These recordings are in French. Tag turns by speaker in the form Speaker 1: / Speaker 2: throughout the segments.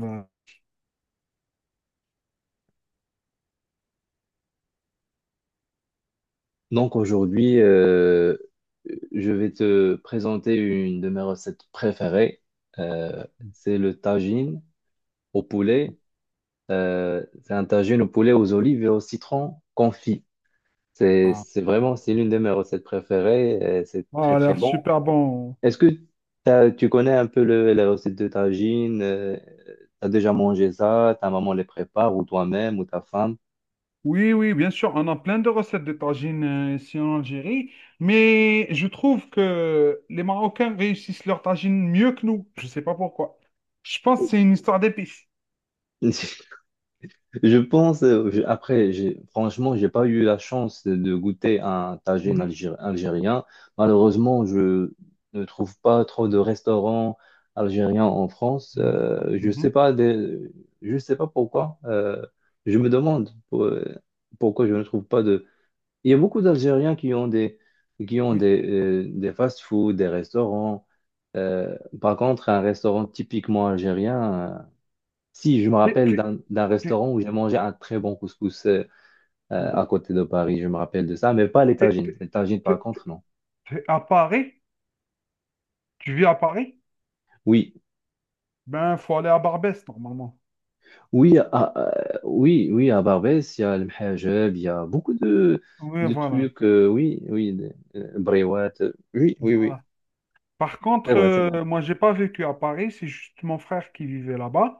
Speaker 1: Ah,
Speaker 2: Donc aujourd'hui, je vais te présenter une de mes recettes préférées. Euh, c'est le tagine au poulet. C'est un tagine au poulet aux olives et au citron confit. C'est,
Speaker 1: ah.
Speaker 2: c'est vraiment, c'est l'une de mes recettes préférées. Et c'est très
Speaker 1: Ah, a
Speaker 2: très
Speaker 1: l'air
Speaker 2: bon.
Speaker 1: super bon.
Speaker 2: Est-ce que tu connais un peu la recette de tagine? Tu as déjà mangé ça? Ta maman les prépare ou toi-même ou ta femme?
Speaker 1: Oui, oui, bien sûr, on a plein de recettes de tagine ici en Algérie, mais je trouve que les Marocains réussissent leur tagine mieux que nous. Je ne sais pas pourquoi. Je pense que c'est une histoire d'épices.
Speaker 2: Je pense, après, franchement, j'ai pas eu la chance de goûter un
Speaker 1: Mhm,
Speaker 2: algérien. Malheureusement, je ne trouve pas trop de restaurants algériens en France.
Speaker 1: mhm, mhm,
Speaker 2: Je sais pas pourquoi. Je me demande pourquoi je ne trouve pas de. Il y a beaucoup d'Algériens qui ont des,
Speaker 1: oui.
Speaker 2: des fast-food, des restaurants. Euh, Par contre, un restaurant typiquement algérien. Si, je me
Speaker 1: T'es,
Speaker 2: rappelle
Speaker 1: t'es-
Speaker 2: d'un
Speaker 1: t'es-
Speaker 2: restaurant où j'ai mangé un très bon couscous à côté de Paris, je me rappelle de ça, mais pas les
Speaker 1: t'es- t'es-
Speaker 2: tagines. Les tagines, par
Speaker 1: t'es-
Speaker 2: contre, non.
Speaker 1: t'es à Paris? Tu vis à Paris?
Speaker 2: Oui,
Speaker 1: Ben, faut aller à Barbès, normalement.
Speaker 2: oui, oui, oui, à Barbès, il y a le mhajeb, il y a beaucoup
Speaker 1: Oui,
Speaker 2: de
Speaker 1: voilà.
Speaker 2: trucs, oui, oui, brewat, oui, oui, oui,
Speaker 1: Voilà. Par
Speaker 2: c'est
Speaker 1: contre,
Speaker 2: vrai, c'est vrai.
Speaker 1: moi, j'ai pas vécu à Paris, c'est juste mon frère qui vivait là-bas.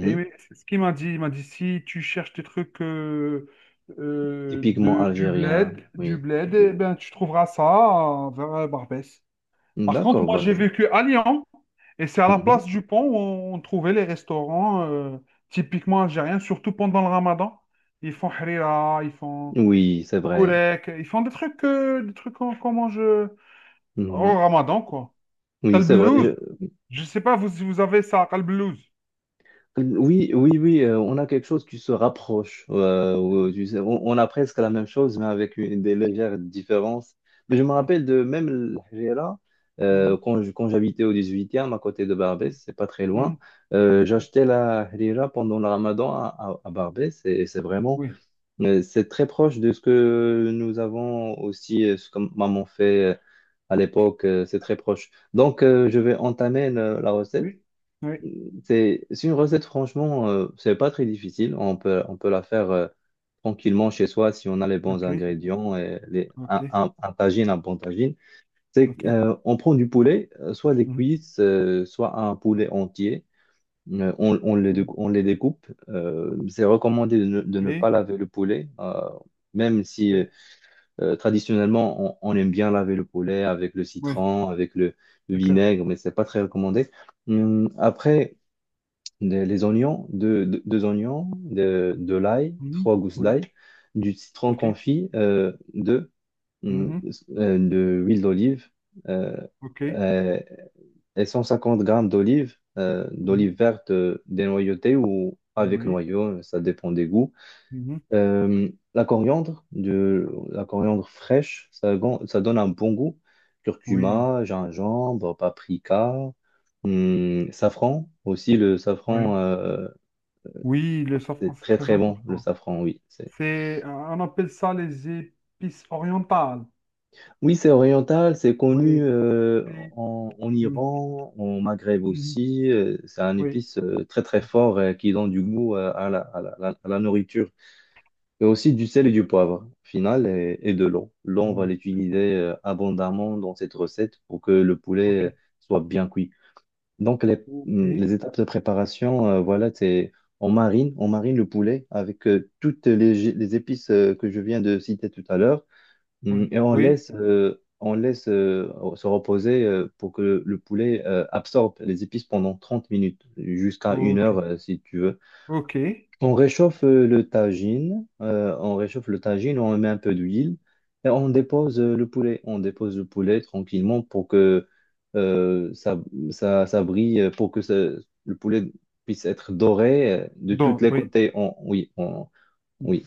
Speaker 1: Et mais c'est ce qu'il m'a dit, il m'a dit, si tu cherches des trucs
Speaker 2: Typiquement
Speaker 1: du
Speaker 2: algérien,
Speaker 1: bled, du
Speaker 2: oui.
Speaker 1: bled, eh ben, tu trouveras ça vers Barbès. Par contre,
Speaker 2: D'accord,
Speaker 1: moi,
Speaker 2: bah,
Speaker 1: j'ai vécu à Lyon, et c'est à la
Speaker 2: Mhm.
Speaker 1: place du pont où on trouvait les restaurants typiquement algériens, surtout pendant le Ramadan. Ils font harira, ils font
Speaker 2: Oui, c'est vrai.
Speaker 1: gourek, ils font des trucs qu'on mange au
Speaker 2: Mhm.
Speaker 1: Ramadan, quoi. T'as
Speaker 2: Oui,
Speaker 1: le
Speaker 2: c'est
Speaker 1: blues.
Speaker 2: vrai.
Speaker 1: Je sais pas vous, si vous avez ça, le blues.
Speaker 2: Oui, oui, oui, on a quelque chose qui se rapproche. Tu sais, on a presque la même chose, mais avec des légères différences. Mais je me rappelle de même l'Algérie,
Speaker 1: Mhm,
Speaker 2: quand j'habitais au 18e, à côté de
Speaker 1: mhm,
Speaker 2: Barbès, c'est pas très
Speaker 1: mhm.
Speaker 2: loin,
Speaker 1: Mhm.
Speaker 2: j'achetais la harira pendant le Ramadan à Barbès, et c'est vraiment,
Speaker 1: Oui,
Speaker 2: c'est très proche de ce que nous avons aussi, ce que maman fait euh, à l'époque, c'est très proche. Donc, je vais entamer la recette.
Speaker 1: oui, oui,
Speaker 2: C'est une recette, franchement, c'est pas très difficile. On peut la faire tranquillement chez soi si on a les
Speaker 1: oui.
Speaker 2: bons
Speaker 1: Ok,
Speaker 2: ingrédients et
Speaker 1: ok,
Speaker 2: un tagine, un bon tagine.
Speaker 1: ok.
Speaker 2: On prend du poulet, soit des
Speaker 1: Mhm,
Speaker 2: cuisses, soit un poulet entier.
Speaker 1: mhm.
Speaker 2: On les découpe. C'est recommandé de ne pas
Speaker 1: Les,
Speaker 2: laver le poulet, même si
Speaker 1: les-
Speaker 2: traditionnellement on aime bien laver le poulet avec le
Speaker 1: oui,
Speaker 2: citron, avec le
Speaker 1: c'est clair.
Speaker 2: vinaigre, mais c'est pas très recommandé. Après, les oignons, deux oignons, de l'ail,
Speaker 1: Mhm,
Speaker 2: trois gousses
Speaker 1: oui,
Speaker 2: d'ail, du citron
Speaker 1: ok,
Speaker 2: confit, deux, hum,
Speaker 1: mhm,
Speaker 2: de l'huile d'olive, euh,
Speaker 1: ok,
Speaker 2: euh, et 150 grammes d'olive,
Speaker 1: mhm,
Speaker 2: d'olive verte dénoyautée ou avec
Speaker 1: oui,
Speaker 2: noyau, ça dépend des goûts.
Speaker 1: mhm,
Speaker 2: La coriandre, la coriandre fraîche, ça donne un bon goût.
Speaker 1: oui,
Speaker 2: Curcuma, gingembre, paprika, safran, aussi le
Speaker 1: oui.
Speaker 2: safran.
Speaker 1: Oui, le safran,
Speaker 2: C'est
Speaker 1: c'est
Speaker 2: très
Speaker 1: très
Speaker 2: très bon le
Speaker 1: important.
Speaker 2: safran, oui. C'est.
Speaker 1: On appelle ça les épices orientales.
Speaker 2: Oui, c'est oriental, c'est connu
Speaker 1: Oui, oui,
Speaker 2: en
Speaker 1: mhm,
Speaker 2: Iran, en Maghreb
Speaker 1: mhm,
Speaker 2: aussi. C'est un
Speaker 1: oui,
Speaker 2: épice très très fort qui donne du goût à la nourriture. Et aussi du sel et du poivre, au final, et de l'eau. L'eau, on va
Speaker 1: mhm,
Speaker 2: l'utiliser abondamment dans cette recette pour que le poulet
Speaker 1: ok,
Speaker 2: soit bien cuit. Donc
Speaker 1: ok,
Speaker 2: les étapes de préparation, voilà, c'est on marine le poulet avec toutes les épices que je viens de citer tout à l'heure.
Speaker 1: oui,
Speaker 2: Et
Speaker 1: oui,
Speaker 2: on laisse se reposer pour que le poulet absorbe les épices pendant 30 minutes, jusqu'à une
Speaker 1: ok.
Speaker 2: heure si tu veux.
Speaker 1: Ok.
Speaker 2: On réchauffe le tagine, on met un peu d'huile et on dépose le poulet. On dépose le poulet tranquillement pour que euh, ça, ça brille, le poulet puisse être doré de tous
Speaker 1: Donc,
Speaker 2: les
Speaker 1: oui.
Speaker 2: côtés. Oui,
Speaker 1: mm,
Speaker 2: oui.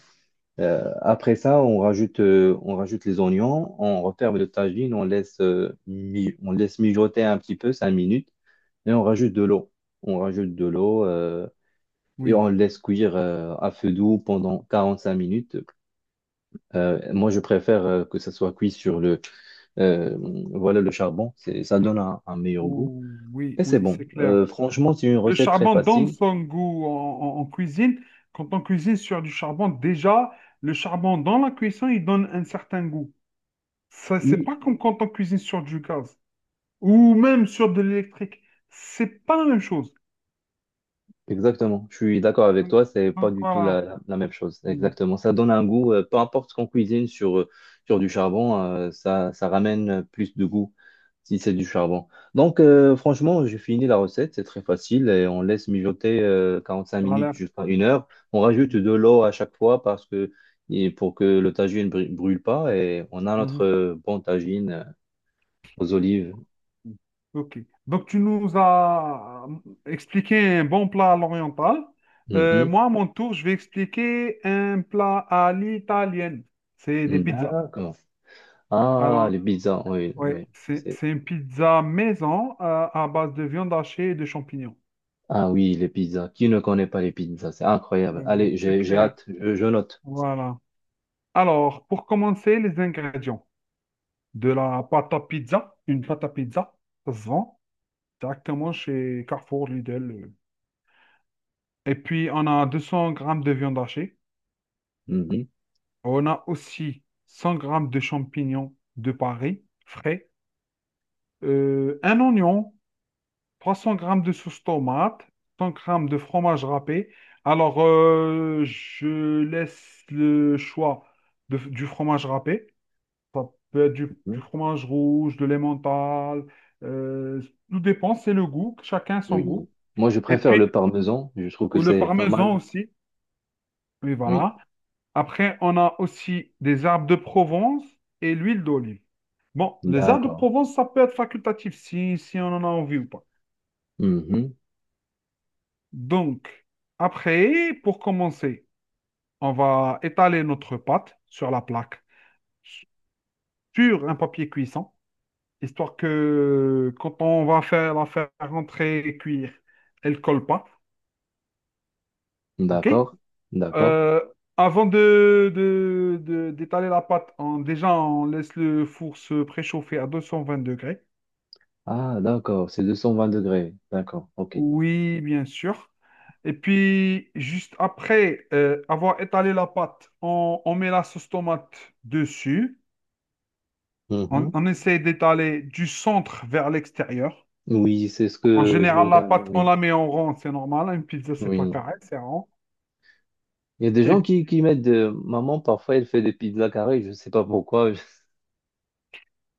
Speaker 2: Après ça, on rajoute les oignons, on referme le tagine, on laisse mijoter un petit peu, 5 minutes, et on rajoute de l'eau. On rajoute de l'eau et on
Speaker 1: Oui.
Speaker 2: le laisse cuire à feu doux pendant 45 minutes. Moi, je préfère que ça soit cuit sur euh, voilà, le charbon. Ça donne un meilleur goût.
Speaker 1: Ouh, oui,
Speaker 2: Et c'est
Speaker 1: oui,
Speaker 2: bon.
Speaker 1: c'est clair.
Speaker 2: Franchement, c'est une
Speaker 1: Le
Speaker 2: recette très
Speaker 1: charbon donne
Speaker 2: facile.
Speaker 1: son goût en cuisine. Quand on cuisine sur du charbon, déjà, le charbon dans la cuisson, il donne un certain goût. Ça, c'est
Speaker 2: Oui,
Speaker 1: pas comme quand on cuisine sur du gaz ou même sur de l'électrique. C'est pas la même chose.
Speaker 2: exactement, je suis d'accord avec
Speaker 1: Donc,
Speaker 2: toi, c'est pas
Speaker 1: donc,
Speaker 2: du tout
Speaker 1: voilà.
Speaker 2: la même chose.
Speaker 1: Mm,
Speaker 2: Exactement, ça donne un goût, peu importe ce qu'on cuisine sur du charbon, ça ramène plus de goût si c'est du charbon. Donc, franchement, j'ai fini la recette, c'est très facile et on laisse mijoter 45 minutes
Speaker 1: Voilà.
Speaker 2: jusqu'à une heure. On rajoute de l'eau à chaque fois parce que, et pour que le brûle pas et on a notre
Speaker 1: Mm,
Speaker 2: bon tagine aux olives.
Speaker 1: Ok. Donc, tu nous as expliqué un bon plat à l'oriental.
Speaker 2: Mhm.
Speaker 1: Moi, à mon tour, je vais expliquer un plat à l'italienne. C'est des pizzas.
Speaker 2: D'accord. Ah,
Speaker 1: Alors,
Speaker 2: les pizzas, oui, oui.
Speaker 1: ouais, c'est une pizza maison à base de viande hachée et de champignons.
Speaker 2: Ah oui, les pizzas. Qui ne connaît pas les pizzas? C'est incroyable. Allez,
Speaker 1: C'est
Speaker 2: j'ai
Speaker 1: clair.
Speaker 2: hâte. Je note.
Speaker 1: Voilà. Alors, pour commencer, les ingrédients. De la pâte à pizza, une pâte à pizza, ça se vend directement chez Carrefour, Lidl. Et puis, on a 200 grammes de viande hachée.
Speaker 2: Mhm.
Speaker 1: On a aussi 100 grammes de champignons de Paris, frais, un oignon, 300 grammes de sauce tomate, 100 grammes de fromage râpé. Alors, je laisse le choix du fromage râpé. Ça peut être du
Speaker 2: Mhm.
Speaker 1: fromage rouge, de l'emmental. euh, Tout dépend, c'est le goût, chacun son
Speaker 2: Oui.
Speaker 1: goût.
Speaker 2: Moi, je
Speaker 1: Et
Speaker 2: préfère le
Speaker 1: puis,
Speaker 2: parmesan. Je trouve que
Speaker 1: ou le
Speaker 2: c'est pas
Speaker 1: parmesan
Speaker 2: mal.
Speaker 1: aussi. Oui,
Speaker 2: Oui.
Speaker 1: voilà. Après, on a aussi des arbres de Provence et l'huile d'olive. Bon, les arbres de
Speaker 2: D'accord.
Speaker 1: Provence, ça peut être facultatif si on en a envie ou pas. Donc, après, pour commencer, on va étaler notre pâte sur la plaque, sur un papier cuisson, histoire que quand on va faire rentrer et cuire, elle ne colle pas.
Speaker 2: Mhm.
Speaker 1: OK?
Speaker 2: D'accord. D'accord.
Speaker 1: Euh, Avant d'étaler la pâte, déjà, on laisse le four se préchauffer à 220 degrés.
Speaker 2: Ah, d'accord. C'est 220 degrés. D'accord. OK.
Speaker 1: Oui, bien sûr. Et puis, juste après avoir étalé la pâte, on met la sauce tomate dessus. On,
Speaker 2: Mhm.
Speaker 1: on essaie d'étaler du centre vers l'extérieur.
Speaker 2: Oui, c'est ce
Speaker 1: En
Speaker 2: que je
Speaker 1: général, la
Speaker 2: regarde.
Speaker 1: pâte, on
Speaker 2: Oui.
Speaker 1: la met en rond, c'est normal, hein. Une pizza, c'est pas
Speaker 2: Oui.
Speaker 1: carré, c'est rond.
Speaker 2: Il y a des gens
Speaker 1: Et
Speaker 2: qui mettent Maman, parfois, elle fait des pizzas carrées. Je ne sais pas pourquoi.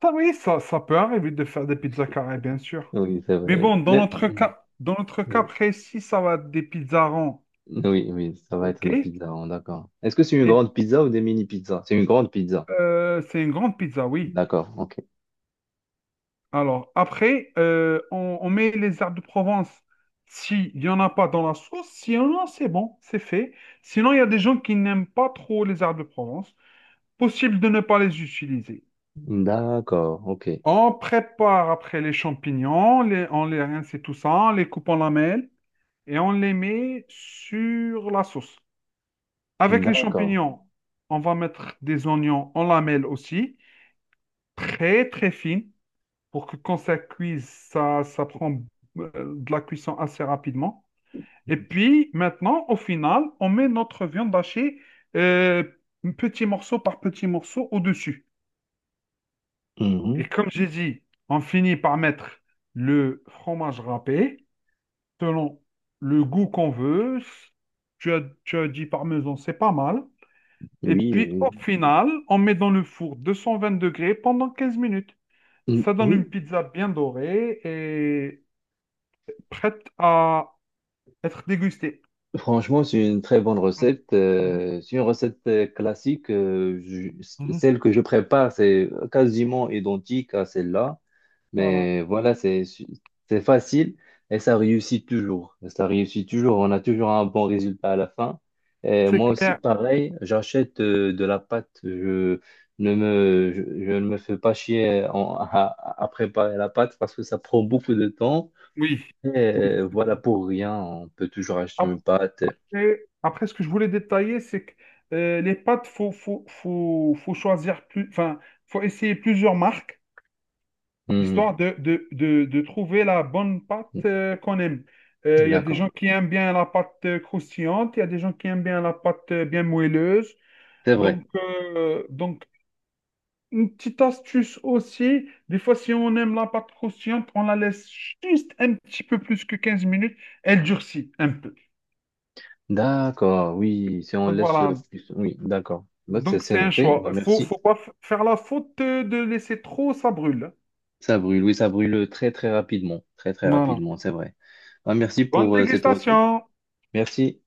Speaker 1: ça, oui, ça peut arriver de faire des pizzas carrées, bien sûr.
Speaker 2: Oui, c'est
Speaker 1: Mais
Speaker 2: vrai.
Speaker 1: bon,
Speaker 2: Mhm.
Speaker 1: dans notre cas
Speaker 2: Oui.
Speaker 1: précis, ça va être des pizzas ronds.
Speaker 2: Oui, oui, ça va être
Speaker 1: OK?
Speaker 2: des
Speaker 1: Et
Speaker 2: pizzas, hein, d'accord. Est-ce que c'est une grande pizza ou des mini-pizzas? C'est une grande pizza.
Speaker 1: c'est une grande pizza, oui.
Speaker 2: D'accord, ok.
Speaker 1: Alors, après, on met les herbes de Provence. S'il n'y en a pas dans la sauce, s'il y en a, c'est bon, c'est fait. Sinon, il y a des gens qui n'aiment pas trop les herbes de Provence. Possible de ne pas les utiliser.
Speaker 2: D'accord, ok.
Speaker 1: On prépare après les champignons, on les rince et tout ça, on les coupe en lamelles et on les met sur la sauce. Avec les
Speaker 2: D'accord.
Speaker 1: champignons, on va mettre des oignons en lamelles aussi, très très fines. Pour que quand ça cuise, ça prend de la cuisson assez rapidement. Et puis maintenant, au final, on met notre viande hachée euh, petit morceau par petit morceau au-dessus. Et
Speaker 2: Mhm.
Speaker 1: comme j'ai dit, on finit par mettre le fromage râpé selon le goût qu'on veut. Tu as dit parmesan, c'est pas mal. Et
Speaker 2: Oui,
Speaker 1: puis
Speaker 2: oui.
Speaker 1: au final, on met dans le four 220 degrés pendant 15 minutes. Ça donne une
Speaker 2: Oui,
Speaker 1: pizza bien dorée et prête à être dégustée.
Speaker 2: franchement, c'est une très bonne
Speaker 1: Mhm.
Speaker 2: recette.
Speaker 1: Mhm.
Speaker 2: C'est une recette classique.
Speaker 1: Mhm.
Speaker 2: Celle que je prépare, c'est quasiment identique à celle-là.
Speaker 1: Voilà.
Speaker 2: Mais voilà, c'est facile et ça réussit toujours. Ça réussit toujours. On a toujours un bon résultat à la fin. Et
Speaker 1: C'est
Speaker 2: moi aussi,
Speaker 1: clair.
Speaker 2: pareil, j'achète de la pâte. Je ne me fais pas chier à préparer la pâte parce que ça prend beaucoup de temps.
Speaker 1: Oui,
Speaker 2: Et
Speaker 1: oui, c'est
Speaker 2: voilà,
Speaker 1: clair.
Speaker 2: pour rien, on peut toujours acheter une pâte.
Speaker 1: Après, ce que je voulais détailler, c'est que les pâtes, faut choisir plus, enfin, faut essayer plusieurs marques,
Speaker 2: Hmm,
Speaker 1: histoire de trouver la bonne pâte qu'on aime. Il y a des
Speaker 2: D'accord,
Speaker 1: gens qui aiment bien la pâte croustillante, il y a des gens qui aiment bien la pâte bien moelleuse.
Speaker 2: c'est vrai.
Speaker 1: Donc, une petite astuce aussi, des fois, si on aime la pâte croustillante, on la laisse juste un petit peu plus que 15 minutes, elle durcit un peu.
Speaker 2: D'accord, oui, si on
Speaker 1: Donc
Speaker 2: laisse
Speaker 1: voilà,
Speaker 2: plus. Oui, d'accord. Bah, c'est
Speaker 1: donc
Speaker 2: c'est
Speaker 1: c'est un
Speaker 2: noté.
Speaker 1: choix.
Speaker 2: Bah,
Speaker 1: Faut,
Speaker 2: merci.
Speaker 1: faut pas faire la faute de laisser trop, ça brûle.
Speaker 2: Ça brûle, oui, ça brûle très très
Speaker 1: Voilà.
Speaker 2: rapidement, c'est vrai. Ah, merci
Speaker 1: Bonne
Speaker 2: pour cette recette.
Speaker 1: dégustation!
Speaker 2: Merci.